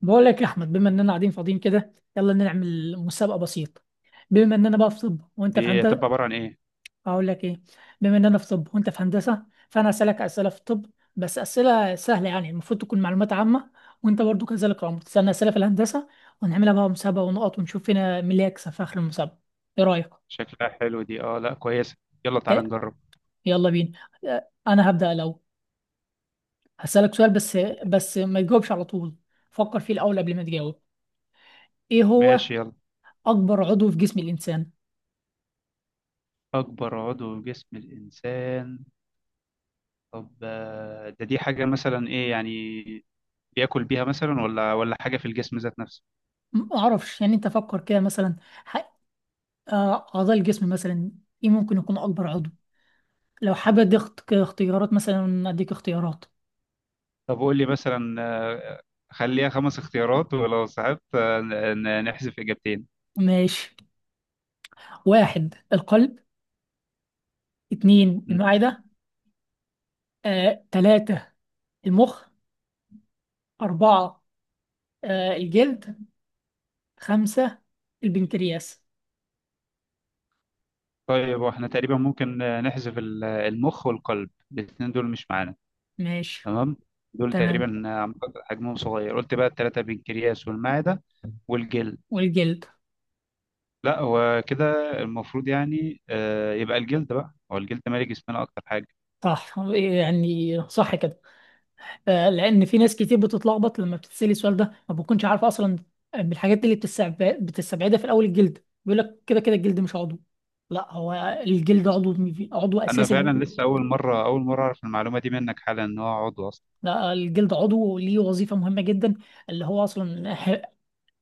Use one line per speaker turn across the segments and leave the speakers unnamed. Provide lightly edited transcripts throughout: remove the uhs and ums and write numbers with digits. بقول لك يا احمد، بما اننا قاعدين فاضيين كده يلا نعمل مسابقه بسيطه. بما اننا بقى في طب وانت في
دي هتبقى
هندسه.
عبارة عن ايه؟
اقول لك ايه. بما اننا في طب وانت في هندسه فانا اسالك اسئله في الطب، بس اسئله سهله يعني المفروض تكون معلومات عامه. وانت برضو كذلك يا عمر تسالني اسئله في الهندسه، ونعملها بقى مسابقه ونقط ونشوف فينا مين اللي يكسب في اخر المسابقه. ايه رايك؟
شكلها حلو دي، اه لا كويسة. يلا تعالى
ده
نجرب.
يلا بينا. انا هبدا الاول. هسالك سؤال بس، بس ما تجاوبش على طول، فكر فيه الاول قبل ما تجاوب. ايه هو
ماشي يلا.
اكبر عضو في جسم الانسان؟
أكبر عضو في جسم الإنسان. طب ده دي حاجة مثلا إيه يعني؟ بياكل بيها مثلا ولا حاجة في الجسم ذات نفسه؟
ما اعرفش، يعني انت فكر كده مثلا. ح- اعضاء الجسم مثلا، ايه ممكن يكون اكبر عضو؟ لو حابب اديك اختيارات، مثلا اديك اختيارات.
طب قول لي مثلا، خليها خمس اختيارات، ولو صعبت نحذف إجابتين.
ماشي. واحد القلب، اتنين
مم.
المعدة، تلاتة المخ، أربعة الجلد، خمسة البنكرياس.
طيب واحنا تقريبا ممكن نحذف المخ والقلب، الاتنين دول مش معانا.
ماشي
تمام. دول
تمام.
تقريبا حجمهم صغير، قلت بقى الثلاثة: البنكرياس والمعدة والجلد.
والجلد.
لا هو كده، المفروض يعني يبقى الجلد، بقى هو الجلد مالي جسمنا أكتر حاجة.
صح، يعني صح كده. لان في ناس كتير بتتلخبط لما بتتسالي السؤال ده ما بتكونش عارفه اصلا الحاجات دي، اللي بتستبعدها في الاول الجلد، بيقول لك كده كده الجلد مش عضو. لا، هو الجلد عضو، عضو
أنا
اساسي.
فعلا لسه أول مرة أعرف المعلومة دي منك حالا، إن هو عضو أصلا.
لا الجلد عضو ليه وظيفه مهمه جدا، اللي هو اصلا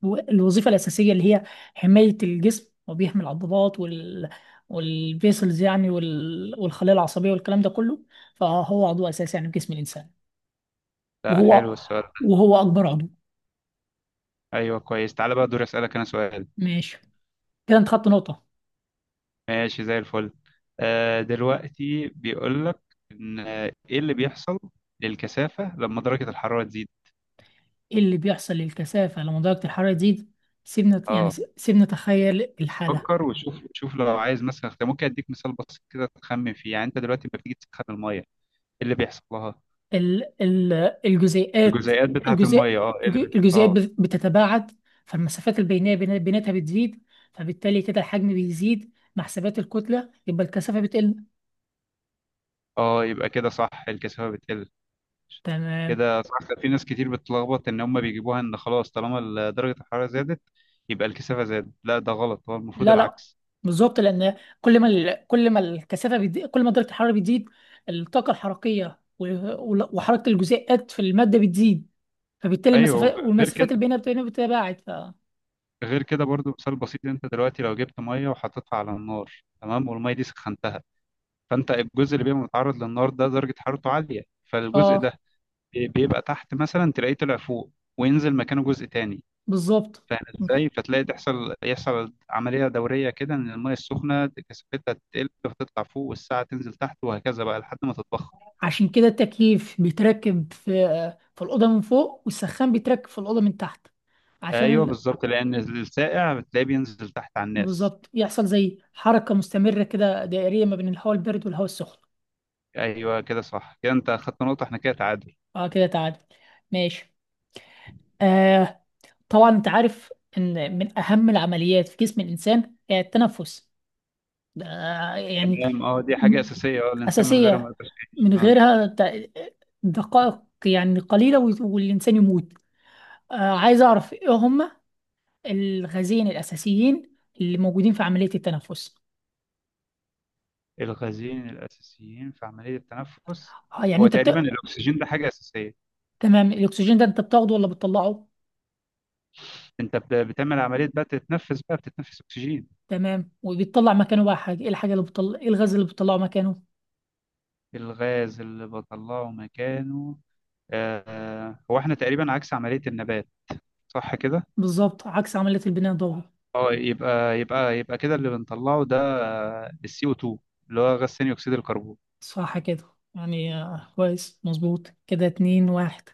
الوظيفه الاساسيه اللي هي حمايه الجسم، وبيحمي العضلات والفيسلز يعني والخلايا العصبيه والكلام ده كله. فهو عضو اساسي يعني في جسم الانسان.
لا حلو
وهو
السؤال ده.
وهو اكبر عضو.
أيوه كويس، تعالى بقى دوري أسألك أنا سؤال.
ماشي، كده انت خدت نقطه.
ماشي زي الفل. دلوقتي بيقول لك إن إيه اللي بيحصل للكثافة لما درجة الحرارة تزيد؟
ايه اللي بيحصل للكثافة لما درجة الحرارة تزيد؟ سيبنا يعني،
اه،
سيبنا نتخيل الحالة.
فكر وشوف، شوف لو عايز مثلا اختيار ممكن اديك مثال بسيط كده تخمن فيه. يعني انت دلوقتي لما بتيجي تسخن الميه، ايه اللي بيحصل لها؟
ال الجزيئات.
الجزيئات بتاعه
الجزيء،
الميه، اه، ايه
الجزيئات
اه.
بتتباعد، فالمسافات البينية بيناتها بتزيد، فبالتالي كده الحجم بيزيد مع حسابات الكتلة يبقى الكثافة بتقل.
اه، يبقى كده صح، الكثافه بتقل.
تمام.
كده صح، في ناس كتير بتتلخبط ان هم بيجيبوها ان خلاص طالما درجه الحراره زادت يبقى الكثافه زادت، لا ده غلط، هو المفروض
لا لا،
العكس.
بالظبط، لأن كل ما كل ما الكثافة بتزيد كل ما درجة الحرارة بتزيد، الطاقة الحركية وحركة الجزيئات في المادة بتزيد، فبالتالي
ايوه
المسافات
وف- غير
والمسافات
كده،
البينية بتتباعد.
غير كده برضو مثال بسيط، انت دلوقتي لو جبت ميه وحطيتها على النار، تمام، والميه دي سخنتها، فانت الجزء اللي بيبقى متعرض للنار ده درجه حرارته عاليه، فالجزء ده
اه
بيبقى تحت مثلا تلاقيه طلع فوق، وينزل مكانه جزء تاني.
بالظبط.
فاهم ازاي؟ فتلاقي يحصل عملية دورية كده، ان المية السخنة كثافتها تقل فتطلع فوق، والساعة تنزل تحت، وهكذا بقى لحد ما تتبخر.
عشان كده التكييف بيتركب في الأوضة من فوق، والسخان بيتركب في الأوضة من تحت، عشان
ايوه بالظبط، لان السائع بتلاقيه بينزل تحت على الناس.
بالظبط يحصل زي حركة مستمرة كده دائرية ما بين الهواء البارد والهواء السخن.
ايوه كده صح، كده انت اخدت نقطة، احنا كده تعادل.
اه كده تعادل. ماشي. آه، طبعا انت عارف ان من اهم العمليات في جسم الانسان هي التنفس. ده يعني
تمام، اه، دي حاجة
م-
أساسية، اه، الإنسان من غيرها ما
اساسية،
يقدرش يعيش،
من
اه.
غيرها دقائق يعني قليلة والانسان يموت. عايز أعرف إيه هم الغازين الأساسيين اللي موجودين في عملية التنفس.
الغازين الأساسيين في عملية التنفس،
آه يعني
هو
أنت
تقريبا
بت...
الأكسجين ده حاجة أساسية.
تمام، الأكسجين ده أنت بتاخده ولا بتطلعه.
انت بتعمل عمليه بقى تتنفس، بقى بتتنفس اكسجين.
تمام، وبيطلع مكانه بقى حاجة إيه، الحاجة اللي بتطلع إيه، الغاز اللي بتطلعه مكانه.
الغاز اللي بطلعه مكانه، هو احنا تقريبا عكس عمليه النبات، صح كده؟
بالظبط عكس عملية البناء الضوئي.
اه يبقى يبقى كده اللي بنطلعه ده السي او 2، اللي هو غاز ثاني اكسيد الكربون.
صح كده، يعني كويس مظبوط كده اتنين واحد.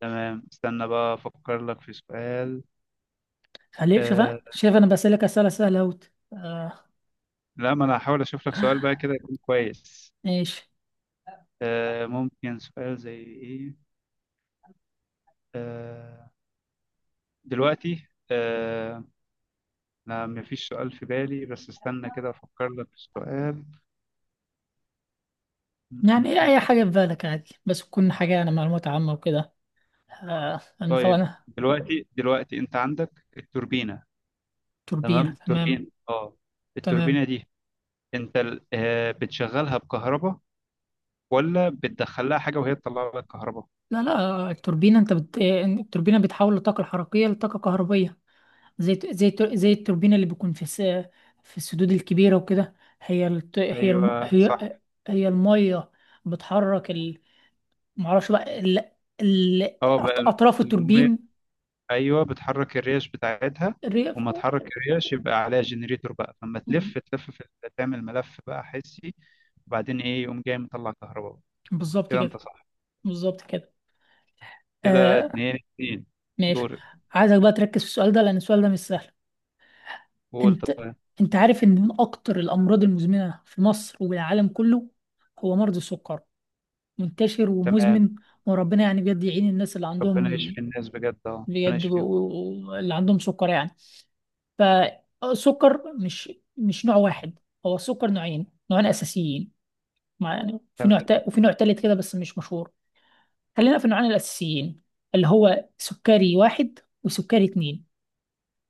تمام استنى بقى افكر لك في سؤال.
خليك شوف.
آه،
شايف أنا بسألك أسئلة سهلة أوت آه.
لا ما انا هحاول اشوف لك سؤال بقى كده يكون كويس.
ماشي.
ممكن سؤال زي ايه؟ آه، دلوقتي، أنا مفيش سؤال في بالي، بس استنى كده أفكر لك في السؤال. م-
يعني
م-
إيه،
م.
أي حاجة في بالك عادي، بس تكون حاجة يعني معلومات عامة وكده. آه أنا
طيب
طبعا.
دلوقتي، دلوقتي أنت عندك التوربينة.
توربينة
تمام
تمام.
توربينة، أه. التوربينة
تمام.
دي أنت بتشغلها بكهرباء، ولا بتدخل لها حاجة وهي تطلع لك كهرباء؟
لا لا، التوربينة انت التوربينة بتحول الطاقة الحركية لطاقة كهربية، زي زي التوربينة اللي بيكون في في السدود الكبيرة وكده. هي هي
أيوه صح.
هي المية بتحرك معرفش بقى ال...
أه بقى،
أطراف
المية،
التوربين.
أيوه بتحرك الريش بتاعتها،
الريف.
وما تحرك الريش يبقى عليها جنريتور بقى، فما تلف تلف في تعمل ملف بقى حسي، وبعدين إيه يقوم جاي مطلع كهرباء.
بالظبط
كده أنت
كده.
صح،
بالظبط كده.
كده
آه.
اتنين اتنين.
ماشي.
دورك.
عايزك بقى تركز في السؤال ده لأن السؤال ده مش سهل.
قول
انت
طيب.
انت عارف ان من اكتر الامراض المزمنة في مصر والعالم كله هو مرض السكر، منتشر
تمام،
ومزمن. وربنا يعني بجد يعين الناس اللي
ربنا
عندهم،
يشفي الناس بجد، اه ربنا
بجد
يشفيهم.
اللي عندهم سكر يعني. فالسكر مش نوع واحد، هو السكر نوعين، نوعين اساسيين. يعني في
تمام.
وفي نوع تالت كده بس مش مشهور. خلينا في النوعين الاساسيين اللي هو سكري واحد وسكري اتنين.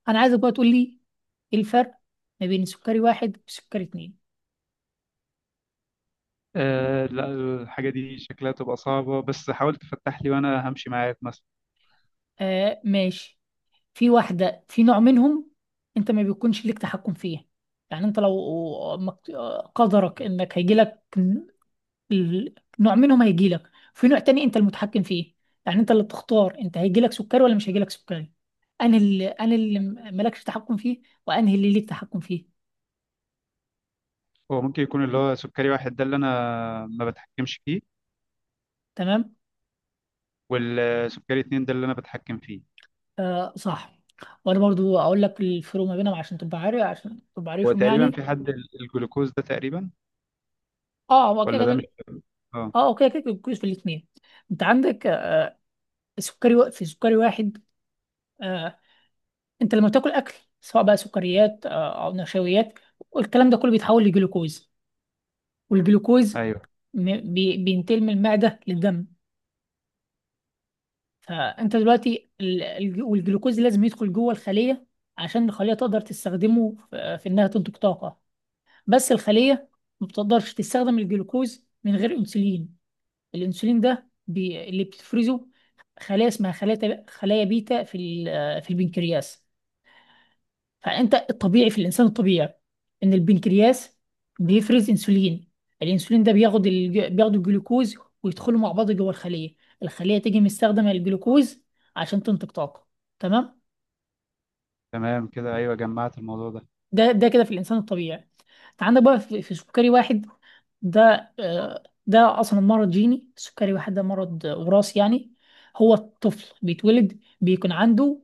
انا عايزك بقى تقول لي ايه الفرق ما بين سكري واحد وسكري اتنين.
آه لا، الحاجة دي شكلها تبقى صعبة، بس حاول تفتح لي وأنا همشي معاك مثلا.
آه ماشي. في واحدة، في نوع منهم انت ما بيكونش ليك تحكم فيه، يعني انت لو مكت- قدرك انك هيجيلك نوع منهم هيجيلك، في نوع تاني انت المتحكم فيه، يعني انت اللي بتختار انت هيجيلك سكري ولا مش هيجيلك سكري. انهي اللي مالكش تحكم فيه، وانهي اللي ليك تحكم فيه.
هو ممكن يكون اللي هو سكري واحد ده اللي أنا ما بتحكمش فيه،
تمام.
والسكري اتنين ده اللي أنا بتحكم فيه.
آه صح. وانا برضو اقول لك الفروق ما بينهم عشان تبقى عارف، عشان تبقى
هو
عارفهم
تقريبا
يعني.
في حد الجلوكوز ده تقريبا،
اه هو كده
ولا ده مش،
كده.
اه.
اه هو كده كده كويس. في الاثنين انت عندك، في سكري واحد، آه، انت لما بتاكل اكل، سواء بقى سكريات او نشويات، الكلام ده كله بيتحول لجلوكوز، والجلوكوز
أيوه
بينتقل من المعده للدم. فانت دلوقتي والجلوكوز لازم يدخل جوه الخليه عشان الخليه تقدر تستخدمه في انها تنتج طاقه. بس الخليه ما بتقدرش تستخدم الجلوكوز من غير انسولين. الانسولين ده اللي بتفرزه خلايا اسمها خلايا بيتا في البنكرياس. فانت الطبيعي، في الانسان الطبيعي ان البنكرياس بيفرز انسولين، الانسولين ده بياخد الجلوكوز ويدخلوا مع بعض جوه الخليه، الخليه تيجي مستخدمه الجلوكوز عشان تنتج طاقه. تمام.
تمام كده، أيوه جمعت الموضوع ده.
ده كده في الانسان الطبيعي. انت عندك بقى في سكري واحد، ده ده اصلا مرض جيني، السكري واحد ده مرض وراثي يعني، هو الطفل بيتولد بيكون عنده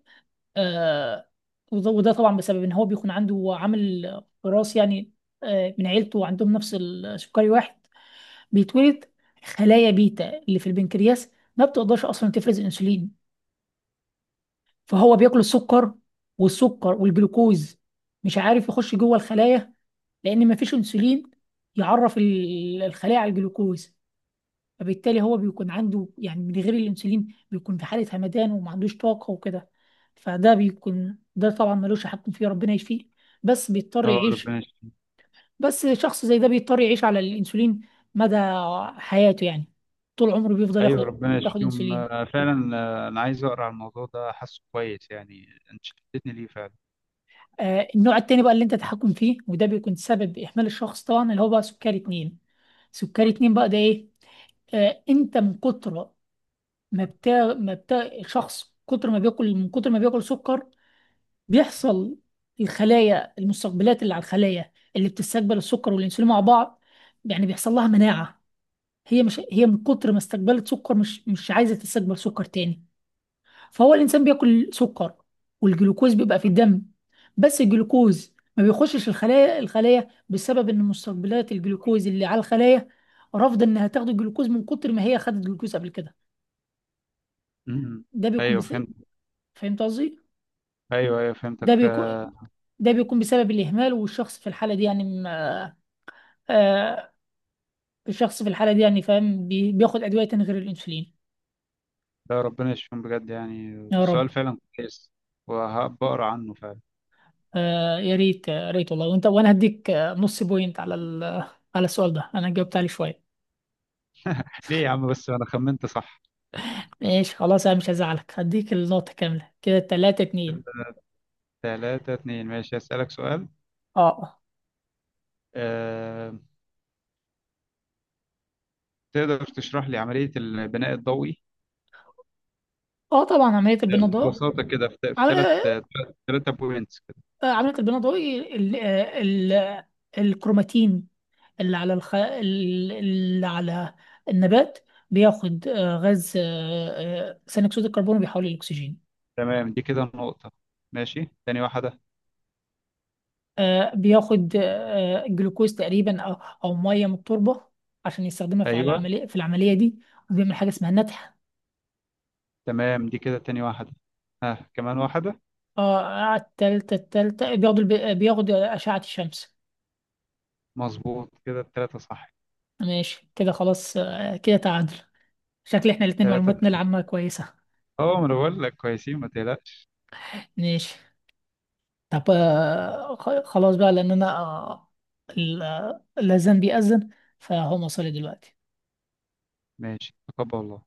آه، وده طبعا بسبب ان هو بيكون عنده عامل وراثي يعني، من عيلته عندهم نفس السكري واحد. بيتولد خلايا بيتا اللي في البنكرياس ما بتقدرش اصلا تفرز انسولين، فهو بياكل السكر، والسكر والجلوكوز مش عارف يخش جوه الخلايا لان ما فيش انسولين يعرف الخلايا على الجلوكوز. فبالتالي هو بيكون عنده يعني من غير الانسولين بيكون في حالة همدان وما عندوش طاقة وكده. فده بيكون، ده طبعا ملوش حق فيه، ربنا يشفيه، بس بيضطر
اه
يعيش.
ربنا.
بس شخص زي ده بيضطر يعيش على الانسولين مدى حياته يعني، طول عمره بيفضل
ايوه ربنا
ياخد
يشفيهم
انسولين.
فعلا. انا عايز اقرا على الموضوع ده، حاسه كويس يعني، انت شدتني ليه فعلا.
آه النوع التاني بقى اللي انت تحكم فيه، وده بيكون سبب اهمال الشخص طبعا، اللي هو بقى سكري اتنين. سكري اتنين بقى ده ايه؟ آه انت من كتر ما بتا ما بتا شخص، كتر ما بياكل، من كتر ما بياكل سكر، بيحصل الخلايا، المستقبلات اللي على الخلايا اللي بتستقبل السكر والانسولين مع بعض، يعني بيحصل لها مناعة. هي من كتر ما استقبلت سكر مش عايزة تستقبل سكر تاني. فهو الإنسان بياكل سكر والجلوكوز بيبقى في الدم، بس الجلوكوز ما بيخشش الخلايا، بسبب إن مستقبلات الجلوكوز اللي على الخلايا رافضة إنها تاخد الجلوكوز من كتر ما هي خدت جلوكوز قبل كده.
امم،
ده بيكون
ايوه فهمت.
فهمت قصدي؟
ايوه ايوه فهمتك
ده بيكون، بسبب الإهمال، والشخص في الحالة دي يعني آه، الشخص في الحالة دي يعني فاهم بياخد أدوية تاني غير الأنسولين.
لا ربنا يشفيهم بجد يعني.
يا
السؤال
رب.
فعلا كويس وهبقرا عنه فعلا.
آه يا ريت، يا ريت والله. وأنت وأنا هديك نص بوينت على على السؤال ده، أنا جاوبت عليه شوية.
ليه يا عم؟ بس انا خمنت صح.
ماشي خلاص، أنا مش هزعلك، هديك النقطة كاملة كده تلاتة اتنين.
3-2 ماشي، هسألك سؤال.
أه أه.
أه... تقدر تشرح لي عملية البناء الضوئي
آه، طبعا عملية البناء الضوئي.
ببساطة كده؟ في ثلاث
عملية
ثلاثة بوينتس كده.
عملية البناء الضوئي الكروماتين اللي على اللي على النبات، بياخد غاز ثاني أكسيد الكربون وبيحوله للأكسجين.
تمام دي كده النقطة، ماشي تاني واحدة.
بياخد جلوكوز تقريبا او، او ميه من التربه عشان يستخدمها في
أيوه.
العمليه، في العمليه دي. وبيعمل حاجه اسمها نتح.
تمام دي كده تاني واحدة، ها كمان واحدة.
اه التالتة، بياخد بياخد أشعة الشمس.
مظبوط كده التلاتة صح.
ماشي كده خلاص، آه، كده تعادل. شكل احنا الاتنين
تلاتة،
معلوماتنا العامة كويسة.
اه، ما انا بقول لك كويسين ما تقلقش.
ماشي. طب خلاص بقى، لأن أنا ال- الأذان بيأذن، فهو مصري دلوقتي.
ماشي تقبل الله.